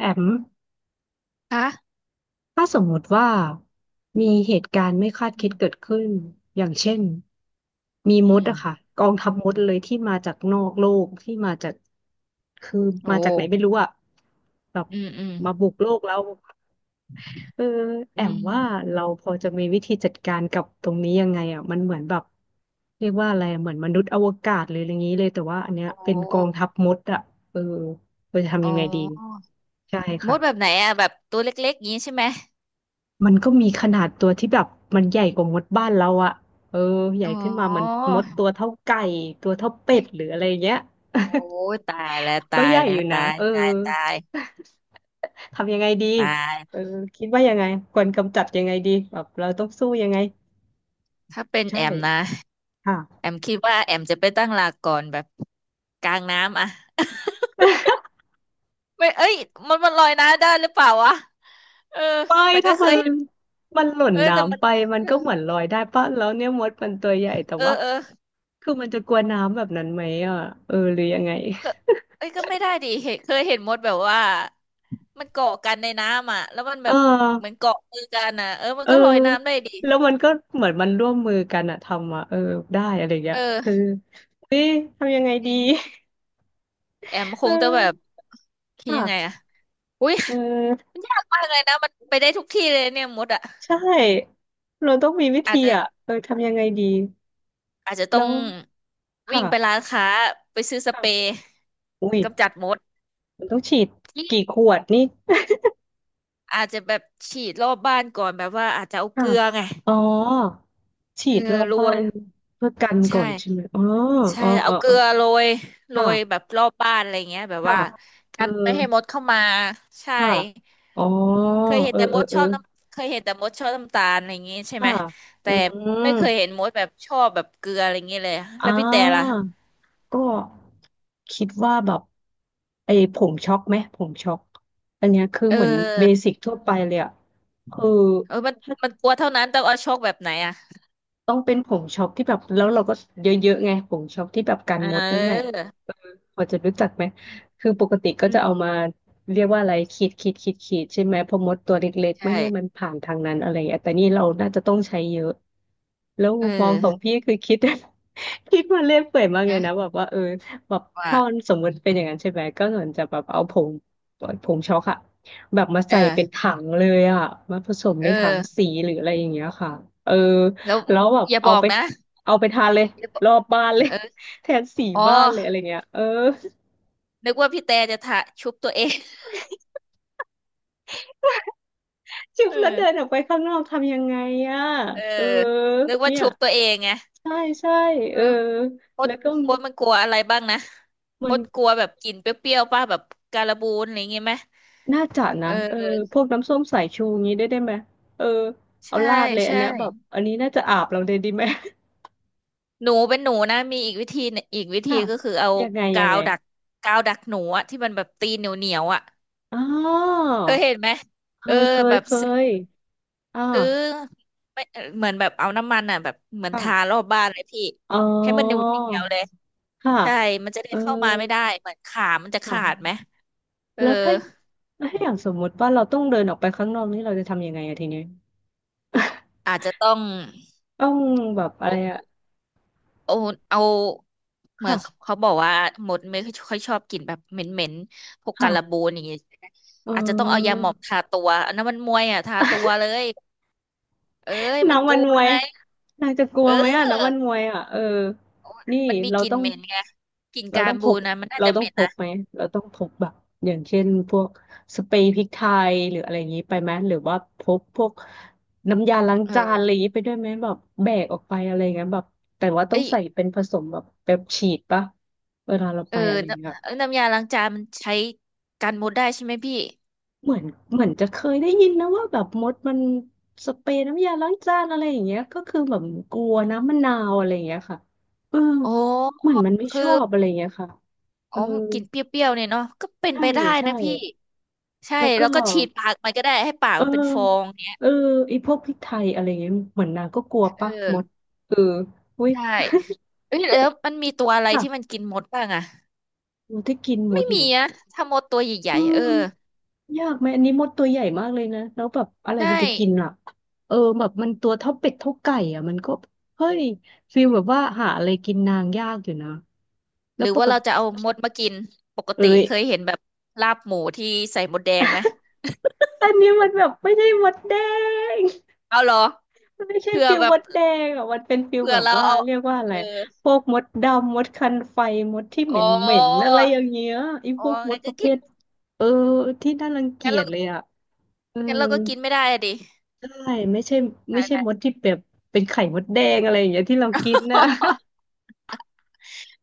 แอมฮะถ้าสมมติว่ามีเหตุการณ์ไม่คาดคิดเกิดขึ้นอย่างเช่นมีอืมดมอะค่ะกองทัพมดเลยที่มาจากนอกโลกที่มาจากคือโอ้มาจากไหนไม่รู้อะแบบอืมอืมมาบุกโลกแล้วเออแออืมว่ามเราพอจะมีวิธีจัดการกับตรงนี้ยังไงอะมันเหมือนแบบเรียกว่าอะไรอะเหมือนมนุษย์อวกาศเลยออะไรอย่างนี้เลยแต่ว่าอันเนี้ยโอเป็นกอง้ทัพมดอะเออเราจะอ๋ทำอยังไงดีใช่มดแบบไหนค่ะ อะแบบตัวเล็กๆงี้ใช่ไหมมันก็มีขนาดตัวที่แบบมันใหญ่กว่ามดบ้านเราอะเออใหญ่อ๋ขึ้นมาเหมันอมดตัวเท่าไก่ตัวเท่าเป็ดหรืออะไรเงี้ย โอ้ยตายแล้ว ก็ตายใหญ่แล้อวยู่นะตายเออ ตายตาย ทำยังไงดีตายเออคิดว่ายังไงควรกำจัดยังไงดีแบบเราต้องสู้ยังไงถ้าเป็นใช่แอมนะค่ะ แอมคิดว่าแอมจะไปตั้งหลักก่อนแบบกลางน้ำอะ ไม่เอ้ยมันลอยน้ำได้หรือเปล่าวะเออไม่แต่ก็ถ้าเคมัยนเห็นมันหล่นเออแต่มัน้ำนไปมันเออก็เหมือนลอยได้ปะแล้วเนี่ยมดมันตัวใหญ่แต่เออว่าเออ คือมันจะกลัวน้ำแบบนั้นไหมอ่ะเออหรือยังไงก็เอ้ยก็ไม่ได้ดิเห็นเคยเห็นมดแบบว่ามันเกาะกันในน้ำอ่ะแล้วมันแบเอบเหมือนอ เกาะมือกันอ่ะเออมันเออก็ลอยน้ำได้ดิแล้วมันก็เหมือนมันร่วมมือกันอะทำอะเออได้อะไรเงี้ยคือเออเฮ้ยทำยังไงจดี ริงแอม คเองจะแบบอคิดยังไงค่ะอ่ะอุ้ยเออมันยากมากเลยนะมันไปได้ทุกที่เลยเนี่ยมดอ่ะใช่เราต้องมีวิอาธีจจะอะเออทำยังไงดี อาจจะต้แล้องววิ่ค่ะงไปร้านค้าไปซื้อสค่ะเปรย์อุ้ยกำจัดมดมันต้องฉีดจริงกี่ขวดนี่อาจจะแบบฉีดรอบบ้านก่อนแบบว่าอาจจะเอาเกค่ะลือไงอ๋อฉีเออดรอบโรบ้าวยนเพื่อกันก่อใช่ นใช่ไหมอ๋อใช่อ๋ออ๋เอาอเกลือ๋ออโรยโรค่ะยแบบรอบบ้านอะไรเงี้ยแบบค่ะว่าเอกัอนไม่ให้มดเข้ามาใช่ค่ะอ๋อเคยเห็เอนอแต่มเออดเอชอ อบน้ำเคยเห็นแต่มดชอบน้ำตาลอะไรเงี้ยใช่ไหมค่ะอืแต่ไม่มเคยเห็นมดแบบชอบแบบเกลืออะไรเงี้ยเลยอ่แล้วพี่แต่ล่ะาก็คิดว่าแบบไอ้ผมช็อกไหมผมช็อกอันเนี้ยคือเอเหมือนเบอสิกทั่วไปเลยอะคือ เออมันกลัวเท่านั้นต้องเอาโชคแบบไหนอ่ะต้องเป็นผงช็อปที่แบบแล้วเราก็เยอะๆไงผงช็อปที่แบบกัเนมดนั่นแหละออเออพอจะรู้จักไหมคือปกติก็อืจะมเอามาเรียกว่าอะไรขีดขีดขีดขีดใช่ไหมเพอมดตัวเล็กๆใช่ไม่ให้มันผ่านทางนั้นอะไรอย่างเงี้ยแต่นี่เราน่าจะต้องใช้เยอะแล้วเอมุอมมองของพี่คือคิด คิดมาเล่นเปื่อยมากเลยนะนะแบบว่าเออแบบว่าถ้ามันสมมติเป็นอย่างนั้นใช่ไหมก็เหมือนจะแบบเอาผงผงช็อกอะแบบมาเอใส่เป็นอถังเลยอะมาผสมเอในถังอสีหรืออะไรอย่างเงี้ยค่ะเออ แล้วแล้วแบบอย่าเอาบอกไปนะเอาไปทานเลยอย่าบอกรอบบ้านเลย เออ แทนสีอ๋อบ้านเลยอะไรเงี้ยเออนึกว่าพี่แต่จะทะชุบตัวเอง จุ๊บเอแล้วเดินอ ออกไปข้างนอกทำยังไงอ่ะเออเออนึกว่าเนี่ยชุบตัวเองไงใช่ใช่เอเอออมดแล้วก็มันกลัวอะไรบ้างนะมัมนดกลัวแบบกลิ่นเปรี้ยวๆป่ะแบบการบูนอะไรอย่างงี้ไหมน่าจะเอนะเอออพวกน้ำส้มสายชูงี้ได้ได้ไหมเออเอาใช่ราดเลยอันใช่เนี้ยแบบอันนี้น่าจะอาบเราเลยดีไหม หนูเป็นหนูนะมีอีกวิธีหนึ่งอีกวิ ธีค่ะ ก็คือเอา ยังไงยักางไงวดักกาวดักหนูอะที่มันแบบตีนเหนียวเหนียวอะอ๋อเคยเห็นไหมเคเออยเคแบยบเคซื้ยออ่าซื้อไม่เออเหมือนแบบเอาน้ำมันอะแบบเหมือนทาค่ะรอบบ้านเลยพี่อ๋อ ให้มันเหนียวเหนียวเลยค่ะใช่มันจะได้เออเข้ามาไม่ได้เหมือนขามันจะขาดไหค่ะ มเออ แล้วถ้าถ้าอย่างสมมุติว่าเราต้องเดินออกไปข้างนอกนี่เราจะทำยังไงอะทีเนี้ย อา จจะต้องต้องแบบอะไรอะ เอาเอาเหมือค่ะ นเขาบอกว่าหมดไม่ค่อยชอบกลิ่นแบบเหม็นเหม็นพวกการบูค่ะ นอย่างเงี้ยใช่ไหมเออาจจะต้องเอายาอ หมองทาตัวอันนั้นมันมวยอ่ะทาตัว เลยเอ้ยมันน้ำกมัลันวมวยไงนางจะกลัวเอไหมอะอน้ำมันมวยอะเออนี่มันมีเรากลิ่นต้อง เหม็นไงกลิ่นเรากาต้รองพบูกนนะมันน่าเราจะต้เหองม็นพกนะไหมเราต้องพกแบบอย่างเช่นพวกสเปรย์พริกไทยหรืออะไรอย่างนี้ไปไหมหรือว่าพกพวกน้ำยาล้างจานอะไรเอออย่างนี้ไปด้วยไหมแบบแบกออกไปอะไรอย่างเงี้ยแบบแต่ว่าต้องเอ้ยใส่เป็นผสมแบบแบบฉีดปะเวลาเราเอไปออะไรอย่างเงี้ยน้ำเอ้ยน้ำยาล้างจานมันใช้กันมดได้ใช่ไหมพี่เหมือนเหมือนจะเคยได้ยินนะว่าแบบมดมันสเปรย์น้ำยาล้างจานอะไรอย่างเงี้ยก็คือแบบกลัวอืน้ำมมะนาวอะไรอย่างเงี้ยค่ะเออโอ้เหมือนมันไม่ชคืออบอะไรอย่างเงี้ยค่ะเออ๋ออกลิ่นเปรี้ยวๆเนี่ยเนาะก็เป็นใช่ไปได้ใช่ นะพี่ ใช่แล้วก็แล้วก็ฉีดปากมันก็ได้ให้ปากเออมันเป็นฟองเนี้ยเออไอีพวกพริกไทยอะไรเงี้ยเหมือนนางก็กลัวเอปะมดอเอออุ้ย ใช่เอ้ยแล้วมันมีตัวอะไร ค่ะที่มันกินมดบ้างอะมดที่กินมไม่ดเหมีรออะถ้ามดตัวใหญ่อืๆมเออยากไหมอันนี้มดตัวใหญ่มากเลยนะแล้วแบบอะไรใช่มันจะกินอ่ะเออแบบมันตัวเท่าเป็ดเท่าไก่อ่ะมันก็เฮ้ยฟีลแบบว่าหาอะไรกินนางยากอยู่นะแล้หวรือปว่ากเราติจะเอามดมากินปกเอ้ติยเคยเห็นแบบลาบหมูที่ใส่มดแดงไหมอันนี้มันแบบไม่ใช่มดแดง เอาเหรอมันไม่ใช่เผื่อฟิลแบมบดแดงอ่ะมันเป็นฟิลเผื่อแบบเราว่าเอาเรียกว่าอะเอไรอพวกมดดำมดคันไฟมดที่เหโอ้ม็นเหม็นอะไรอย่างเงี้ยไอ้โอ้พวกมดงั้นปก็ระเภกินทเออที่น่ารังเกีงั้นยจเราเลยอ่ะเอองั้นเราก็กินไม่ได้อะดิใช่ไม่ใช่ใชไม่ยใช่แหล้ มดที่แบบเป็นไข่มดแดงอะไรอย่างเงี้ยที่เรากินนะ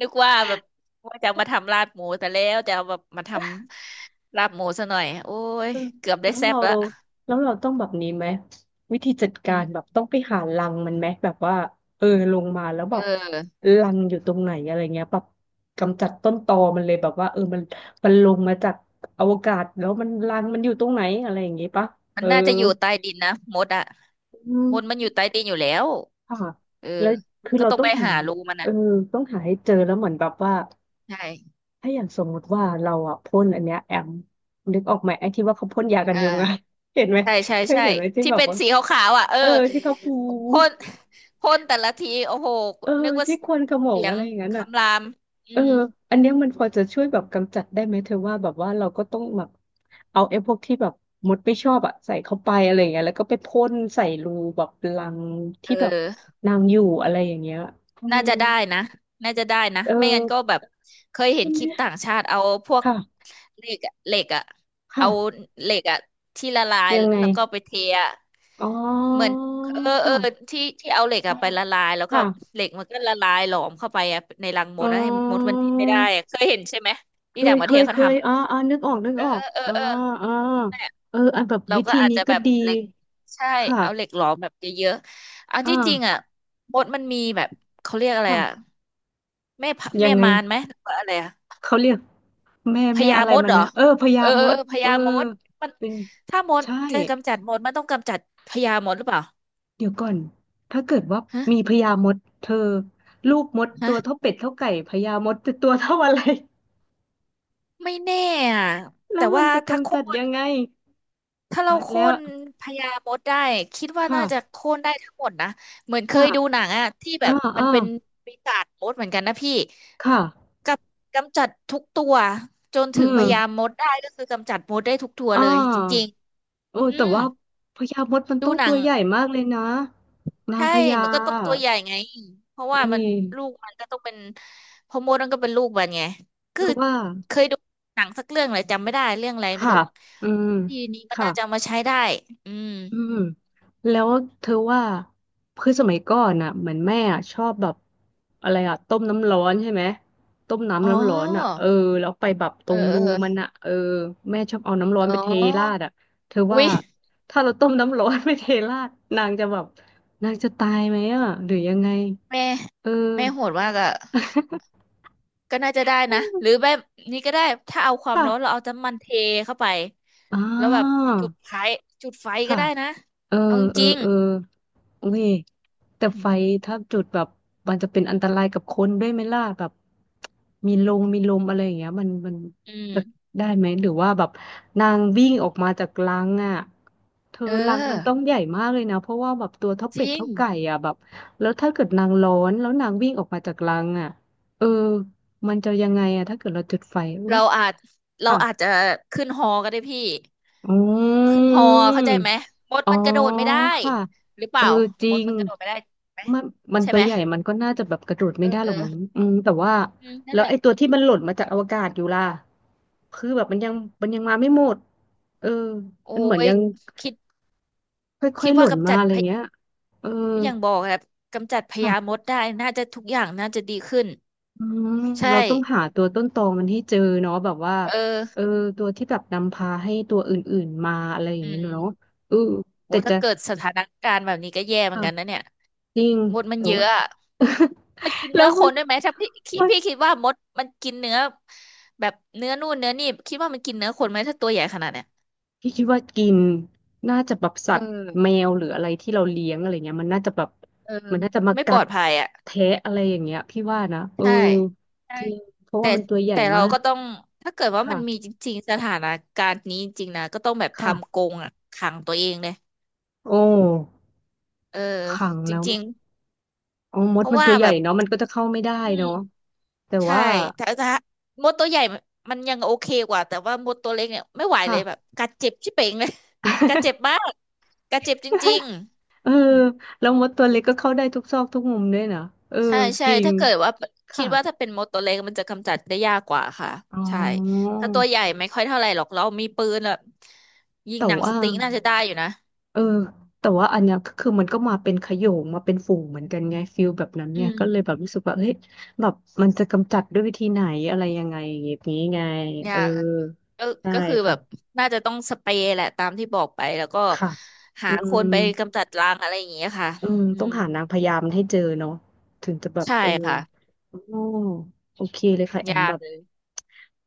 นึกว่าแบบว่าจะเอามาทำลาบหมูแต่แล้วจะเอาแบบมาทำลาบหมูซะหน่อยโอ้ยเออเกือบได้แล้วแซ่เราบละแล้วเราต้องแบบนี้ไหมวิธีจัดการแบอบต้องไปหารังมันไหมแบบว่าเออลงมาแล้วแบเอบอรังอยู่ตรงไหนอะไรเงี้ยแบบกำจัดต้นตอมันเลยแบบว่าเออมันลงมาจากอวกาศแล้วมันรังมันอยู่ตรงไหนอะไรอย่างงี้ปะมัเอนอน่าจะอยู่ใต้ดินนะมดอะอืมมดมันอยู่ใต้ดินอยู่แล้วค่ะเออแล้วคือก็เราต้องต้อไปงหาหารูมันเออะอต้องหาให้เจอแล้วเหมือนแบบว่าใช่ถ้าอย่างสมมุติว่าเราอ่ะพ่นอันเนี้ยแอมนึกออกไหมไอ้ที่ว่าเขาพ่นยากันอยุงอะ ่า เห็นไหมใช่ใช่เคยใช่เห็นไหมที่ที่แบบเป็นว่า สีขาวๆอ่ะเออเออที่เขาฟูพ่นพ่นแต่ละทีโอ้โหเออนึกว่าที่ควนขโมงเสียอะงไรอย่างนั้นอ่ะคำรามอืเออมอันเนี้ยมันพอจะช่วยแบบกำจัดได้ไหมเธอว่าแบบว่าเราก็ต้องแบบเอาไอ้พวกที่แบบมดไม่ชอบอ่ะใส่เข้าไปอะไรอย่างเงี้ยแล้วก็ไปพ่นใส่รูแบบรังเอที่แบบอ นางอยู่อะไรอย่างเงี้ยอืน่ามจะได้นะน่าจะได้นะ เอไม่งั้นก็อแบบเคยเห็ใช่นคไหมลิปต่างชาติเอาพวกค่ะเหล็กอะเหล็กอะเอาค่ะเหล็กอะที่ละลายยังไงแล้วก็ไปเทอะอ๋อเหมือนเออเอค่ะอที่เอาเหล็กอะไปละลายแล้วก็ค่ะเหล็กมันก็ละลายหลอมเข้าไปอะในรังมอ๋ดแล้วให้มดมัอ นดิ้นไม่ได้อะเคยเห็นใช่ไหมเคที่ต่ายงปเคระเทศยเคเขายทำอะอ๋ออ๋อนึกออกนึกเออออเอกอเอออ๋อเอออ๋อนั่นแหละเอออันแบบเราวิก็ธีอาจนี้จะก็แบบดีเหล็กใช่เอาเหล็ค่ะกหลอมแบบเยอะๆอันอที่จริงอะ่ามดมันมีแบบเขาเรียกอะไรอะ ค่ะแม่พะยัแม่งไงมารไหมหรือว่าอะไรอะเขาเรียกแม่พแม่ญาอะไรมดมันเหรอนะเออพญาเออเอมอเอดอพเออญามดมันเป็นถ้ามดใช่จะกำจัดมดมันต้องกำจัดพญามดหรือเปล่าเดี๋ยวก่อนถ้าเกิดว่าฮะมีพญามดเธอลูกมดตัฮะวเท่าเป็ดเท่าไก่พญามดจะตัวเท่าอะไร ไม่แน่อะ แล้แต่วมันว่าจะถ้ากำโค่จัดนยังไงถ้าเราตายโค่แล้วนพญามดได้คิดว่าค่ะน่าจะโค่นได้ทั้งหมดนะเหมือนเคค่ะยดูหนังอะที่แบอ่าบมันอ่าเป็นปีศาจมดเหมือนกันนะพี่ค่ะกับกำจัดทุกตัวจนอืถึงพญามมดได้ก็คือกำจัดมดได้ทุกตัวอ่เลยจริงา โอ้ๆอืแต่มว่าพญามดมันดูต้องหนัตัง วใหญ่มากเลยนะนางใช่พญามันก็ต้องตัวใหญ่ไงเพราะอุ้ว่ายมันลูกมันก็ต้องเป็นเพอมดมันก็เป็นลูกมันไงเธคืออว่าเคยดูหนังสักเรื่องเลยจำไม่ได้เรื่องอะไรไม่ค่ะรู้อืมทีนี้มันค่ะน่าจะเอามาใช้ได้อืมอืมแล้วเธอว่าคือสมัยก่อนน่ะเหมือนแม่อะชอบแบบอะไรอ่ะต้มน้ำร้อนใช่ไหมต้มอ๋น้ำอน้ำร้อนอ่ะเออแล้วไปแบบตรเอองเอรูอมันอ่ะเออแม่ชอบเอาน้ำร้อนอ๋ไปเทราอดอ่ะเธออุ๊ว่ายถ้าเราต้มน้ำร้อนไปเทราดนางจะแบบนางจะตายไหมอ่ะหรือยังไงแม่เออ โหดมากอะก็น่าจะได้นะหรือแบบนี้ก็ได้ถ้าเอาความร้อนเราค่ะเอาน้ำมันเทเข้าไปอ่แล้วแบบาจุดไฟจุดไฟก็ค่ะได้นะเออเอาจเออริงเอออุ้ยแต่ไฟถ้าจุดแบบ มันจะเป็นอันตรายกับคนด้วยไหมล่ะแบบ มีลงมีลมอะไรอย่างเงี้ยมันๆจะได้ไหมหรือว่าแบบนางวิ่งออกมาจากรังอ่ะเธอเอรังมันต้อองใหญ่มากเลยนะเพราะว่าแบบตัวเท่าจเป็ดริง เท่าไก่อ่ะแบบแล้วถ้าเกิดนางร้อนแล้วนางวิ่งออกมาจากรังอ่ะเออมันจะยังไงอ่ะถ้าเกิดเราจุดไฟเอ้ยเราอาจเราค่ะอาจจะขึ้นฮอก็ได้พี่อืขึ้นฮอเข้าม ใจไหมมดอ๋อมันกระโดดไม่ได้ค่ะหรือเปเออล่าจมริดงมันกระโดดไม่ได้ไหมมันมันใช่ตัไหวมใหญ่มันก็น่าจะแบบกระโดดไม่เอได้อหเอรอกอมั้งอืมแต่ว่านั่แล้นวแหละไอ้ตัวที่มันหล่นมาจากอวกาศอยู่ล่ะคือแบบมันยังมันมาไม่หมดเออโอ้มันเหมือนยยังคิดค่อคิยดๆหล่ว่านกำมาจัดอะไรพยเงี้ยเอออย่างบอกครับกำจัดพญามค่ะดได้น่าจะทุกอย่างน่าจะดีขึ้นอืมใช่เราต้องหาตัวต้นตอมันให้เจอเนาะแบบว่าเออเออตัวที่แบบนำพาให้ตัวอื่นๆมาอะไรอย่างอืเงี้ยเนาะมเออโหแต่จะถ้าเกิดสถานการณ์แบบนี้ก็แย่เหมือค่ะนกันนะเนี่ยจริงมดมันแต่เยอะว่า อะ มันกิน แล้เนื้วอคมัน นด้วยไหมถ้าว่าพี่คิดว่ามดมันกินเนื้อแบบเนื้อนู่นเนื้อนี่คิดว่ามันกินเนื้อคนไหมถ้าตัวใหญ่ขนาดเนี้ยพี่คิดว่ากินน่าจะแบบเอสัอตว์แมวหรืออะไรที่เราเลี้ยงอะไรเงี้ยมันน่าจะแบบเออมันน่าจะมาไม่ปกัลอดดภัยอ่ะแทะอะไรอย่างเงี้ยพี่ว่านะเออใช่ใช่จริงเพราะแต่ว่ามันตัวใหญ่แต่เรามากก็ต้องถ้าเกิดว่ามันมีค่ะจริงๆสถานการณ์นี้จริงๆนะก็ต้องแบบทำกค่ะรงอ่ะขังตัวเองเลยโอ้เออขังจแล้วริงอ๋อมๆเพดราะมันว่าตัวใหแบญ่บเนาะมันก็จะเข้าไม่ได้อืเนาะม แต่ใช่ว่าแต่มดตัวใหญ่มันยังโอเคกว่าแต่ว่ามดตัวเล็กเนี่ยไม่ไหวเลค่ะ ยแบบกัดเจ็บชิบเป่งเลย กัดเจ็บมา กกัดเจ็บจริงเออๆอืมแล้วมดตัวเล็กก็เข้าได้ทุกซอกทุกมุมด้วยนะเออใช่ใช่จริงถ้าเกิดว่าคิค่ะดว่าถ้าเป็นมดตัวเล็กมันจะกำจัดได้ยากกว่าค่ะอ๋อใช่ถ้าตัวใหญ่ไม่ค่อยเท่าไหร่หรอกเรามีปืนแบบยิงแต่หนังสว่า ติ๊กน่าจะได้อยู่นะเออแต่ว่าอันเนี้ยก็คือมันก็มาเป็นขโยงมาเป็นฝูงเหมือนกันไงฟิลแบบนั้นอืเนี่ยมก็เลยแบบรู้สึกว่าเฮ้ยแบบมันจะกำจัดด้วยวิธีไหนอะไรยังไงอย่างนี้ไงยาเออกอะก็ได้ก็คือแบบค่ะน่าจะต้องสเปรย์แหละตามที่บอกไปแล้วก็ค่ะหาอืคมนไปกำจัดรังอะไรอย่างเงี้ยค่ะอืมอืต้องมหานางพยามให้เจอเนาะถึงจะแบบใช่เออค่ะ อ๋อโอเคเลยค่ะแอมยาแบกบเลย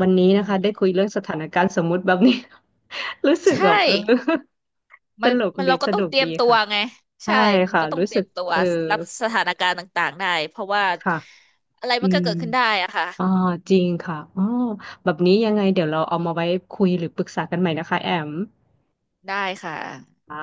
วันนี้อืนะคะได้มคุยเรื่องสถานการณ์สมมุติแบบนี้ รู้สึกใช่แบบเออ ตมันลกมันดีเราก็สต้อนุงกเตรียดีมตัวค่ะไง ใช่ใช่ มันค่ะก็ต้องรู้เตสึรียกมตัวเออรับสถานการณ์ต่างๆได้ เพราะว่าค่ะ อะไรอืมันก็มเกิดขึ้นได้อะค่ะ อ่าจริงค่ะอ๋อแบบนี้ยังไง เดี๋ยวเราเอามาไว้คุยหรือปรึกษากันใหม่นะคะแอมได้ค่ะค่ะ